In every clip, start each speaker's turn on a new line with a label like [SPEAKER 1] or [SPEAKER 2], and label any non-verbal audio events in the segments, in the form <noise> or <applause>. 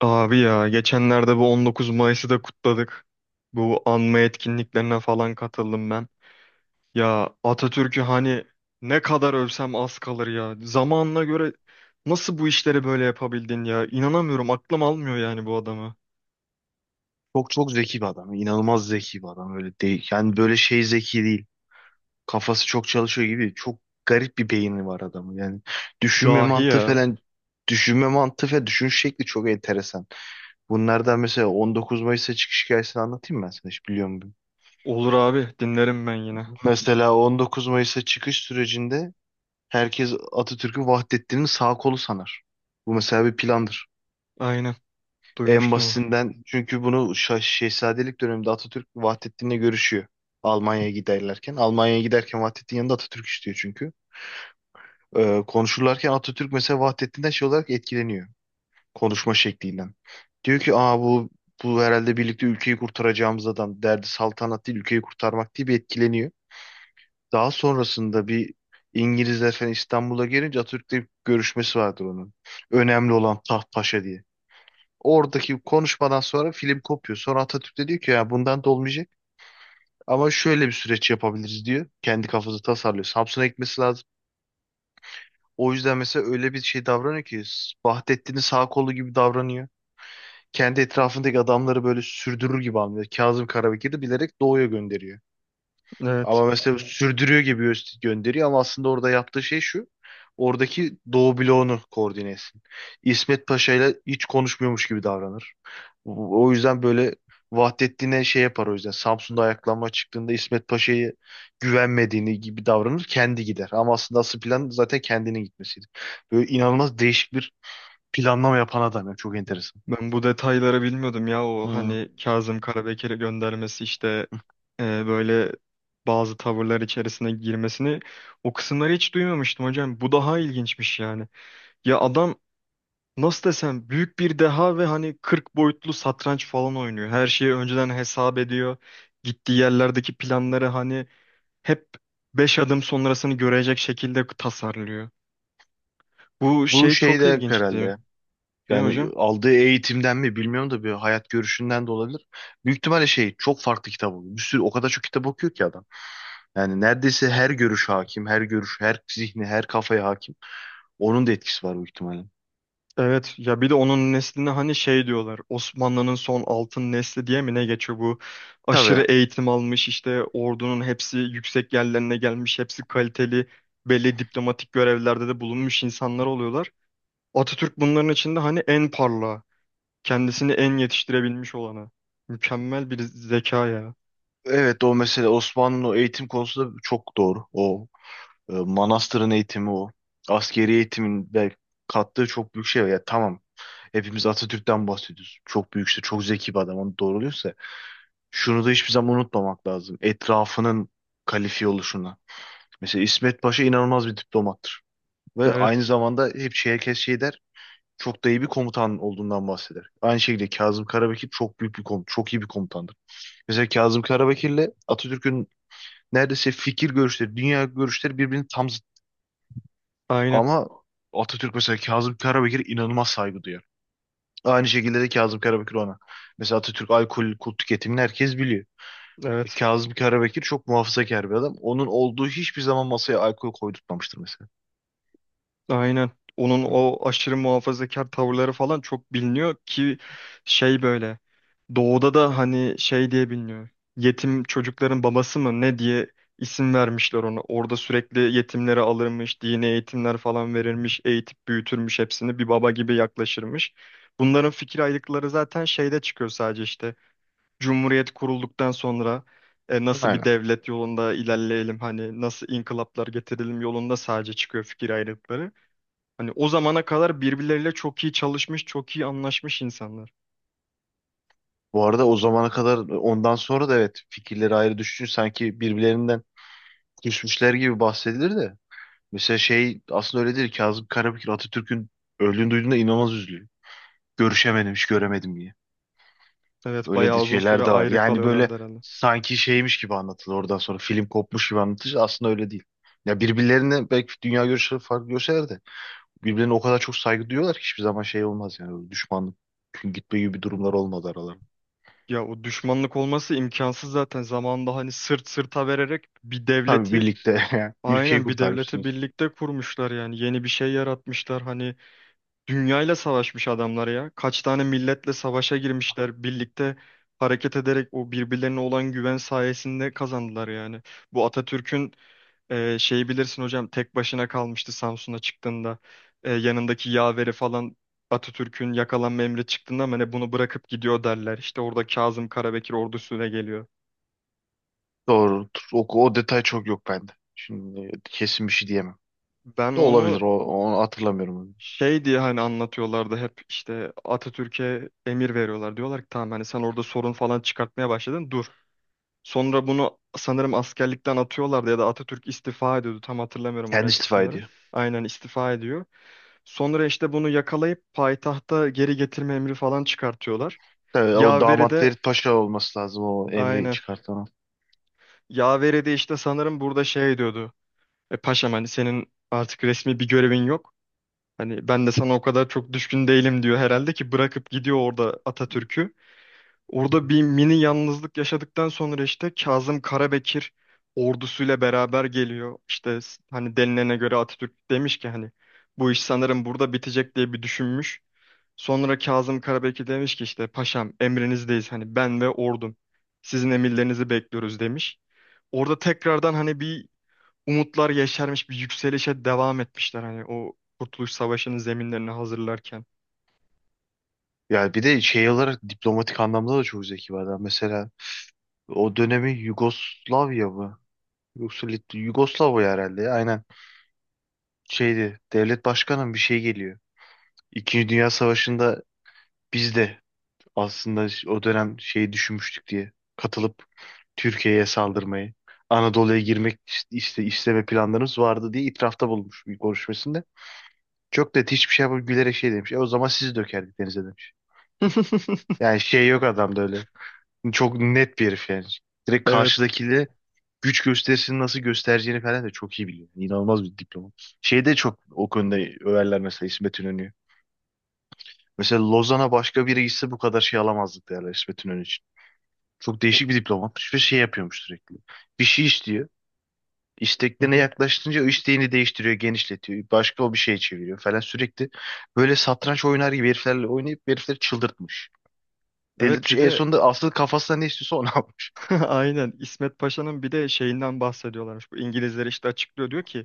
[SPEAKER 1] Abi ya geçenlerde bu 19 Mayıs'ı da kutladık. Bu anma etkinliklerine falan katıldım ben. Ya Atatürk'ü hani ne kadar övsem az kalır ya. Zamanına göre nasıl bu işleri böyle yapabildin ya? İnanamıyorum, aklım almıyor yani bu adamı.
[SPEAKER 2] Çok çok zeki bir adam. İnanılmaz zeki bir adam. Öyle değil. Yani böyle şey zeki değil. Kafası çok çalışıyor gibi. Çok garip bir beyni var adamın. Yani düşünme
[SPEAKER 1] Dahi
[SPEAKER 2] mantığı
[SPEAKER 1] ya.
[SPEAKER 2] falan düşünme mantığı ve düşünüş şekli çok enteresan. Bunlardan mesela 19 Mayıs'a çıkış hikayesini anlatayım mı ben sana hiç biliyor musun?
[SPEAKER 1] Olur abi, dinlerim ben yine.
[SPEAKER 2] Mesela 19 Mayıs'a çıkış sürecinde herkes Atatürk'ü Vahdettin'in sağ kolu sanar. Bu mesela bir plandır.
[SPEAKER 1] Aynen,
[SPEAKER 2] En
[SPEAKER 1] duymuştum. Onu.
[SPEAKER 2] basitinden çünkü bunu şehzadelik döneminde Atatürk Vahdettin'le görüşüyor. Almanya'ya giderlerken. Almanya'ya giderken Vahdettin yanında Atatürk istiyor çünkü. Konuşurlarken Atatürk mesela Vahdettin'den şey olarak etkileniyor. Konuşma şeklinden. Diyor ki aa bu herhalde birlikte ülkeyi kurtaracağımız adam. Derdi saltanat değil ülkeyi kurtarmak diye bir etkileniyor. Daha sonrasında bir İngilizler falan İstanbul'a gelince Atatürk'le bir görüşmesi vardır onun. Önemli olan taht paşa diye. Oradaki konuşmadan sonra film kopuyor. Sonra Atatürk de diyor ki ya bundan da olmayacak. Ama şöyle bir süreç yapabiliriz diyor. Kendi kafası tasarlıyor. Samsun'a gitmesi lazım. O yüzden mesela öyle bir şey davranıyor ki Vahdettin'in sağ kolu gibi davranıyor. Kendi etrafındaki adamları böyle sürdürür gibi anlıyor. Kazım Karabekir'i bilerek doğuya gönderiyor.
[SPEAKER 1] Evet.
[SPEAKER 2] Ama mesela sürdürüyor gibi gönderiyor ama aslında orada yaptığı şey şu. Oradaki Doğu bloğunu koordine etsin. İsmet Paşa ile hiç konuşmuyormuş gibi davranır. O yüzden böyle Vahdettin'e şey yapar o yüzden. Samsun'da ayaklanma çıktığında İsmet Paşa'yı güvenmediğini gibi davranır. Kendi gider. Ama aslında asıl plan zaten kendinin gitmesiydi. Böyle inanılmaz değişik bir planlama yapan adam ya. Çok enteresan.
[SPEAKER 1] Ben bu detayları bilmiyordum ya o
[SPEAKER 2] Hı.
[SPEAKER 1] hani Kazım Karabekir'e göndermesi işte e, böyle bazı tavırlar içerisine girmesini, o kısımları hiç duymamıştım hocam. Bu daha ilginçmiş yani. Ya adam nasıl desem, büyük bir deha ve hani 40 boyutlu satranç falan oynuyor. Her şeyi önceden hesap ediyor. Gittiği yerlerdeki planları hani hep 5 adım sonrasını görecek şekilde tasarlıyor. Bu
[SPEAKER 2] Bu
[SPEAKER 1] şey
[SPEAKER 2] şey
[SPEAKER 1] çok
[SPEAKER 2] de herhalde
[SPEAKER 1] ilginçti.
[SPEAKER 2] ya.
[SPEAKER 1] Ne
[SPEAKER 2] Yani
[SPEAKER 1] hocam?
[SPEAKER 2] aldığı eğitimden mi bilmiyorum da bir hayat görüşünden de olabilir. Büyük ihtimalle şey çok farklı kitap okuyor. Bir sürü o kadar çok kitap okuyor ki adam. Yani neredeyse her görüş hakim, her görüş, her zihni, her kafaya hakim. Onun da etkisi var büyük ihtimalle.
[SPEAKER 1] Evet ya, bir de onun nesline hani şey diyorlar, Osmanlı'nın son altın nesli diye mi ne geçiyor, bu aşırı
[SPEAKER 2] Tabii.
[SPEAKER 1] eğitim almış, işte ordunun hepsi yüksek yerlerine gelmiş, hepsi kaliteli, belli diplomatik görevlerde de bulunmuş insanlar oluyorlar. Atatürk bunların içinde hani en parlağı, kendisini en yetiştirebilmiş olanı, mükemmel bir zeka ya.
[SPEAKER 2] Evet o mesele Osmanlı'nın o eğitim konusunda çok doğru. O manastırın eğitimi o. Askeri eğitimin de kattığı çok büyük şey var. Ya tamam hepimiz Atatürk'ten bahsediyoruz. Çok büyük işte çok zeki bir adam onu doğruluyorsa. Şunu da hiçbir zaman unutmamak lazım. Etrafının kalifiye oluşuna. Mesela İsmet Paşa inanılmaz bir diplomattır. Ve aynı
[SPEAKER 1] Evet,
[SPEAKER 2] zamanda hep şey, herkes şey der. Çok da iyi bir komutan olduğundan bahseder. Aynı şekilde Kazım Karabekir çok büyük bir komutan, çok iyi bir komutandır. Mesela Kazım Karabekir'le Atatürk'ün neredeyse fikir görüşleri, dünya görüşleri birbirinin tam zıt.
[SPEAKER 1] aynen,
[SPEAKER 2] Ama Atatürk mesela Kazım Karabekir'e inanılmaz saygı duyar. Aynı şekilde de Kazım Karabekir ona. Mesela Atatürk alkol, kul tüketimini herkes biliyor.
[SPEAKER 1] evet.
[SPEAKER 2] Kazım Karabekir çok muhafazakar bir adam. Onun olduğu hiçbir zaman masaya alkol koydurtmamıştır mesela.
[SPEAKER 1] Aynen. Onun
[SPEAKER 2] Hı.
[SPEAKER 1] o aşırı muhafazakar tavırları falan çok biliniyor ki şey böyle, doğuda da hani şey diye biliniyor. Yetim çocukların babası mı ne diye isim vermişler ona. Orada sürekli yetimleri alırmış, dini eğitimler falan verirmiş, eğitip büyütürmüş, hepsini bir baba gibi yaklaşırmış. Bunların fikir ayrılıkları zaten şeyde çıkıyor sadece işte. Cumhuriyet kurulduktan sonra nasıl bir
[SPEAKER 2] Aynen.
[SPEAKER 1] devlet yolunda ilerleyelim, hani nasıl inkılaplar getirelim yolunda sadece çıkıyor fikir ayrılıkları. Hani o zamana kadar birbirleriyle çok iyi çalışmış, çok iyi anlaşmış insanlar.
[SPEAKER 2] Bu arada o zamana kadar ondan sonra da evet fikirleri ayrı düşünce sanki birbirlerinden küsmüşler gibi bahsedilir de. Mesela şey aslında öyle değil. Kazım Karabekir Atatürk'ün öldüğünü duyduğunda inanılmaz üzülüyor. Görüşemedim, hiç göremedim diye.
[SPEAKER 1] Evet,
[SPEAKER 2] Öyle
[SPEAKER 1] bayağı
[SPEAKER 2] de
[SPEAKER 1] uzun süre
[SPEAKER 2] şeyler de var.
[SPEAKER 1] ayrı
[SPEAKER 2] Yani böyle
[SPEAKER 1] kalıyorlardı herhalde.
[SPEAKER 2] sanki şeymiş gibi anlatılır oradan sonra film kopmuş gibi anlatılır. Aslında öyle değil. Ya birbirlerine belki dünya görüşleri farklı görseler de birbirine o kadar çok saygı duyuyorlar ki hiçbir zaman şey olmaz yani. Böyle düşmanlık gitme gibi durumlar olmadı aralarında.
[SPEAKER 1] Ya o düşmanlık olması imkansız zaten. Zamanında hani sırt sırta vererek bir
[SPEAKER 2] Tabii
[SPEAKER 1] devleti,
[SPEAKER 2] birlikte <laughs> ülkeyi
[SPEAKER 1] aynen bir devleti
[SPEAKER 2] kurtarmışsınız.
[SPEAKER 1] birlikte kurmuşlar yani. Yeni bir şey yaratmışlar. Hani dünyayla savaşmış adamlar ya. Kaç tane milletle savaşa girmişler. Birlikte hareket ederek o birbirlerine olan güven sayesinde kazandılar yani. Bu Atatürk'ün Şeyi bilirsin hocam, tek başına kalmıştı Samsun'a çıktığında. Yanındaki yaveri falan, Atatürk'ün yakalanma emri çıktığında ama hani bunu bırakıp gidiyor derler. İşte orada Kazım Karabekir ordusuyla geliyor.
[SPEAKER 2] Doğru. O detay çok yok bende. Şimdi kesin bir şey diyemem.
[SPEAKER 1] Ben
[SPEAKER 2] Da
[SPEAKER 1] onu
[SPEAKER 2] olabilir. Onu hatırlamıyorum.
[SPEAKER 1] şey diye hani anlatıyorlardı hep, işte Atatürk'e emir veriyorlar. Diyorlar ki tamam hani sen orada sorun falan çıkartmaya başladın, dur. Sonra bunu sanırım askerlikten atıyorlardı ya da Atatürk istifa ediyordu. Tam hatırlamıyorum o
[SPEAKER 2] Kendi
[SPEAKER 1] net
[SPEAKER 2] istifa
[SPEAKER 1] kısımları.
[SPEAKER 2] ediyor.
[SPEAKER 1] Aynen, istifa ediyor. Sonra işte bunu yakalayıp payitahta geri getirme emri falan çıkartıyorlar.
[SPEAKER 2] Tabii, o
[SPEAKER 1] Yaveri
[SPEAKER 2] damat
[SPEAKER 1] de,
[SPEAKER 2] Ferit Paşa olması lazım o emri
[SPEAKER 1] aynen.
[SPEAKER 2] çıkartan.
[SPEAKER 1] Yaveri de işte sanırım burada şey diyordu. E paşam, hani senin artık resmi bir görevin yok. Hani ben de sana o kadar çok düşkün değilim diyor herhalde ki bırakıp gidiyor orada Atatürk'ü. Orada bir mini yalnızlık yaşadıktan sonra işte Kazım Karabekir ordusuyla beraber geliyor. İşte hani denilene göre Atatürk demiş ki hani bu iş sanırım burada bitecek diye bir düşünmüş. Sonra Kazım Karabekir demiş ki işte paşam emrinizdeyiz, hani ben ve ordum sizin emirlerinizi bekliyoruz demiş. Orada tekrardan hani bir umutlar yeşermiş, bir yükselişe devam etmişler hani o Kurtuluş Savaşı'nın zeminlerini hazırlarken.
[SPEAKER 2] Yani bir de şey olarak diplomatik anlamda da çok zeki bir adam. Mesela o dönemi Yugoslavya mı? Yoksa Yugoslavya herhalde. Aynen. Şeydi. Devlet başkanı mı bir şey geliyor. İkinci Dünya Savaşı'nda biz de aslında o dönem şeyi düşünmüştük diye katılıp Türkiye'ye saldırmayı, Anadolu'ya girmek işte isteme planlarımız vardı diye itirafta bulunmuş bir konuşmasında. Çok da hiçbir şey yapıp gülerek şey demiş. E o zaman sizi dökerdik denize demiş.
[SPEAKER 1] <laughs>
[SPEAKER 2] Yani şey yok adamda öyle. Çok net bir herif yani. Direkt
[SPEAKER 1] Evet.
[SPEAKER 2] karşıdakiyle güç gösterisini nasıl göstereceğini falan da çok iyi biliyor. Yani İnanılmaz bir diplomat. Şeyde çok o konuda överler mesela İsmet İnönü. Mesela Lozan'a başka biri gitse bu kadar şey alamazdık derler İsmet İnönü için. Çok
[SPEAKER 1] O-
[SPEAKER 2] değişik bir diplomatmış ve şey yapıyormuş sürekli. Bir şey istiyor.
[SPEAKER 1] Hı
[SPEAKER 2] İsteklerine
[SPEAKER 1] hı.
[SPEAKER 2] yaklaştığınca o isteğini değiştiriyor, genişletiyor. Başka o bir şey çeviriyor falan sürekli. Böyle satranç oynar gibi heriflerle oynayıp herifleri çıldırtmış.
[SPEAKER 1] Evet,
[SPEAKER 2] Delirtmiş.
[SPEAKER 1] bir
[SPEAKER 2] En
[SPEAKER 1] de
[SPEAKER 2] sonunda asıl kafasına ne istiyorsa onu <laughs> almış.
[SPEAKER 1] <laughs> aynen İsmet Paşa'nın bir de şeyinden bahsediyorlarmış. Bu İngilizler işte açıklıyor, diyor ki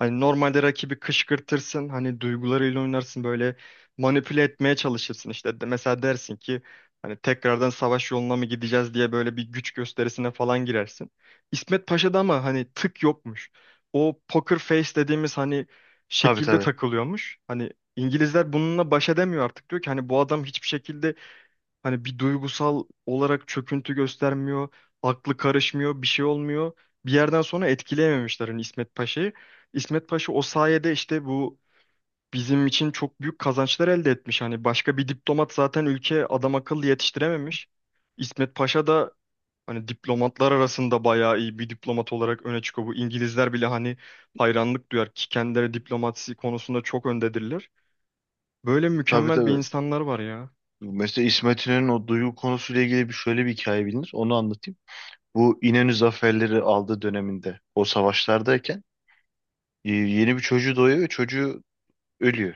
[SPEAKER 1] hani normalde rakibi kışkırtırsın, hani duygularıyla oynarsın, böyle manipüle etmeye çalışırsın işte. Mesela dersin ki hani tekrardan savaş yoluna mı gideceğiz diye, böyle bir güç gösterisine falan girersin. İsmet Paşa'da ama hani tık yokmuş. O poker face dediğimiz hani
[SPEAKER 2] Tabii,
[SPEAKER 1] şekilde
[SPEAKER 2] tabii.
[SPEAKER 1] takılıyormuş. Hani İngilizler bununla baş edemiyor, artık diyor ki hani bu adam hiçbir şekilde, hani bir duygusal olarak çöküntü göstermiyor, aklı karışmıyor, bir şey olmuyor. Bir yerden sonra etkileyememişler hani İsmet Paşa'yı. İsmet Paşa o sayede işte bu bizim için çok büyük kazançlar elde etmiş. Hani başka bir diplomat zaten ülke adam akıllı yetiştirememiş. İsmet Paşa da hani diplomatlar arasında bayağı iyi bir diplomat olarak öne çıkıyor. Bu İngilizler bile hani hayranlık duyar ki kendileri diplomasi konusunda çok öndedirler. Böyle
[SPEAKER 2] Tabii,
[SPEAKER 1] mükemmel bir
[SPEAKER 2] tabii.
[SPEAKER 1] insanlar var ya.
[SPEAKER 2] Mesela İsmet İnönü'nün o duygu konusuyla ilgili bir şöyle bir hikaye bilinir. Onu anlatayım. Bu İnönü zaferleri aldığı döneminde o savaşlardayken yeni bir çocuğu doğuyor ve çocuğu ölüyor.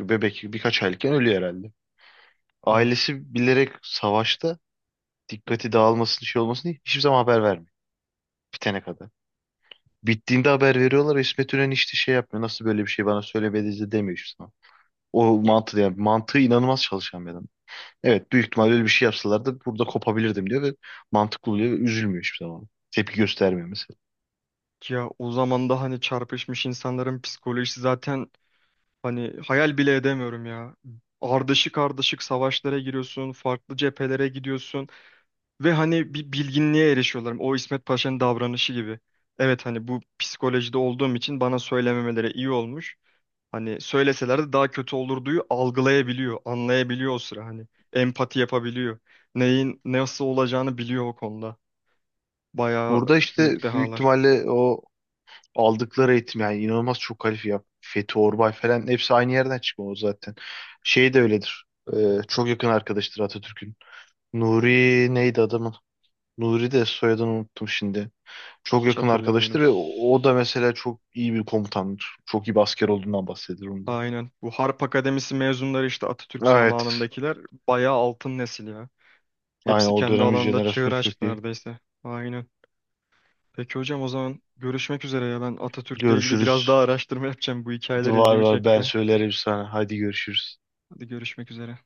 [SPEAKER 2] Bebek birkaç aylıkken ölüyor herhalde.
[SPEAKER 1] Evet.
[SPEAKER 2] Ailesi bilerek savaşta dikkati dağılmasın şey olmasın diye hiçbir zaman haber vermiyor. Bitene kadar. Bittiğinde haber veriyorlar. İsmet İnönü işte şey yapmıyor. Nasıl böyle bir şey bana söylemediniz de demiyor hiçbir zaman. O mantığı yani mantığı inanılmaz çalışan bir adam. Evet büyük ihtimalle öyle bir şey yapsalardı burada kopabilirdim diyor ve mantıklı oluyor ve üzülmüyor hiçbir zaman. Tepki göstermiyor mesela.
[SPEAKER 1] Ya o zaman da hani çarpışmış insanların psikolojisi zaten, hani hayal bile edemiyorum ya. Ardışık ardışık savaşlara giriyorsun, farklı cephelere gidiyorsun ve hani bir bilginliğe erişiyorlar. O İsmet Paşa'nın davranışı gibi. Evet, hani bu psikolojide olduğum için bana söylememeleri iyi olmuş. Hani söyleselerdi daha kötü olurduyu algılayabiliyor, anlayabiliyor o sıra hani. Empati yapabiliyor. Neyin nasıl olacağını biliyor o konuda. Bayağı
[SPEAKER 2] Burada işte
[SPEAKER 1] büyük
[SPEAKER 2] büyük
[SPEAKER 1] dehalar.
[SPEAKER 2] ihtimalle o aldıkları eğitim yani inanılmaz çok kalifiye ya. Fethi Orbay falan hepsi aynı yerden çıkma o zaten. Şey de öyledir. Çok yakın arkadaştır Atatürk'ün. Nuri neydi adamın? Nuri de soyadını unuttum şimdi. Çok
[SPEAKER 1] Hiç
[SPEAKER 2] yakın
[SPEAKER 1] hatırlamıyorum.
[SPEAKER 2] arkadaştır ve o da mesela çok iyi bir komutandır. Çok iyi bir asker olduğundan bahsedilir onda.
[SPEAKER 1] Aynen. Bu Harp Akademisi mezunları işte Atatürk
[SPEAKER 2] Evet.
[SPEAKER 1] zamanındakiler bayağı altın nesil ya.
[SPEAKER 2] Aynen
[SPEAKER 1] Hepsi
[SPEAKER 2] o
[SPEAKER 1] kendi
[SPEAKER 2] dönemin
[SPEAKER 1] alanında çığır
[SPEAKER 2] jenerasyonu çok
[SPEAKER 1] açtı
[SPEAKER 2] iyi.
[SPEAKER 1] neredeyse. Aynen. Peki hocam, o zaman görüşmek üzere ya. Ben Atatürk'le ilgili biraz
[SPEAKER 2] Görüşürüz.
[SPEAKER 1] daha araştırma yapacağım. Bu hikayeler
[SPEAKER 2] Var
[SPEAKER 1] ilgimi
[SPEAKER 2] var ben
[SPEAKER 1] çekti.
[SPEAKER 2] söylerim sana. Hadi görüşürüz.
[SPEAKER 1] Hadi görüşmek üzere.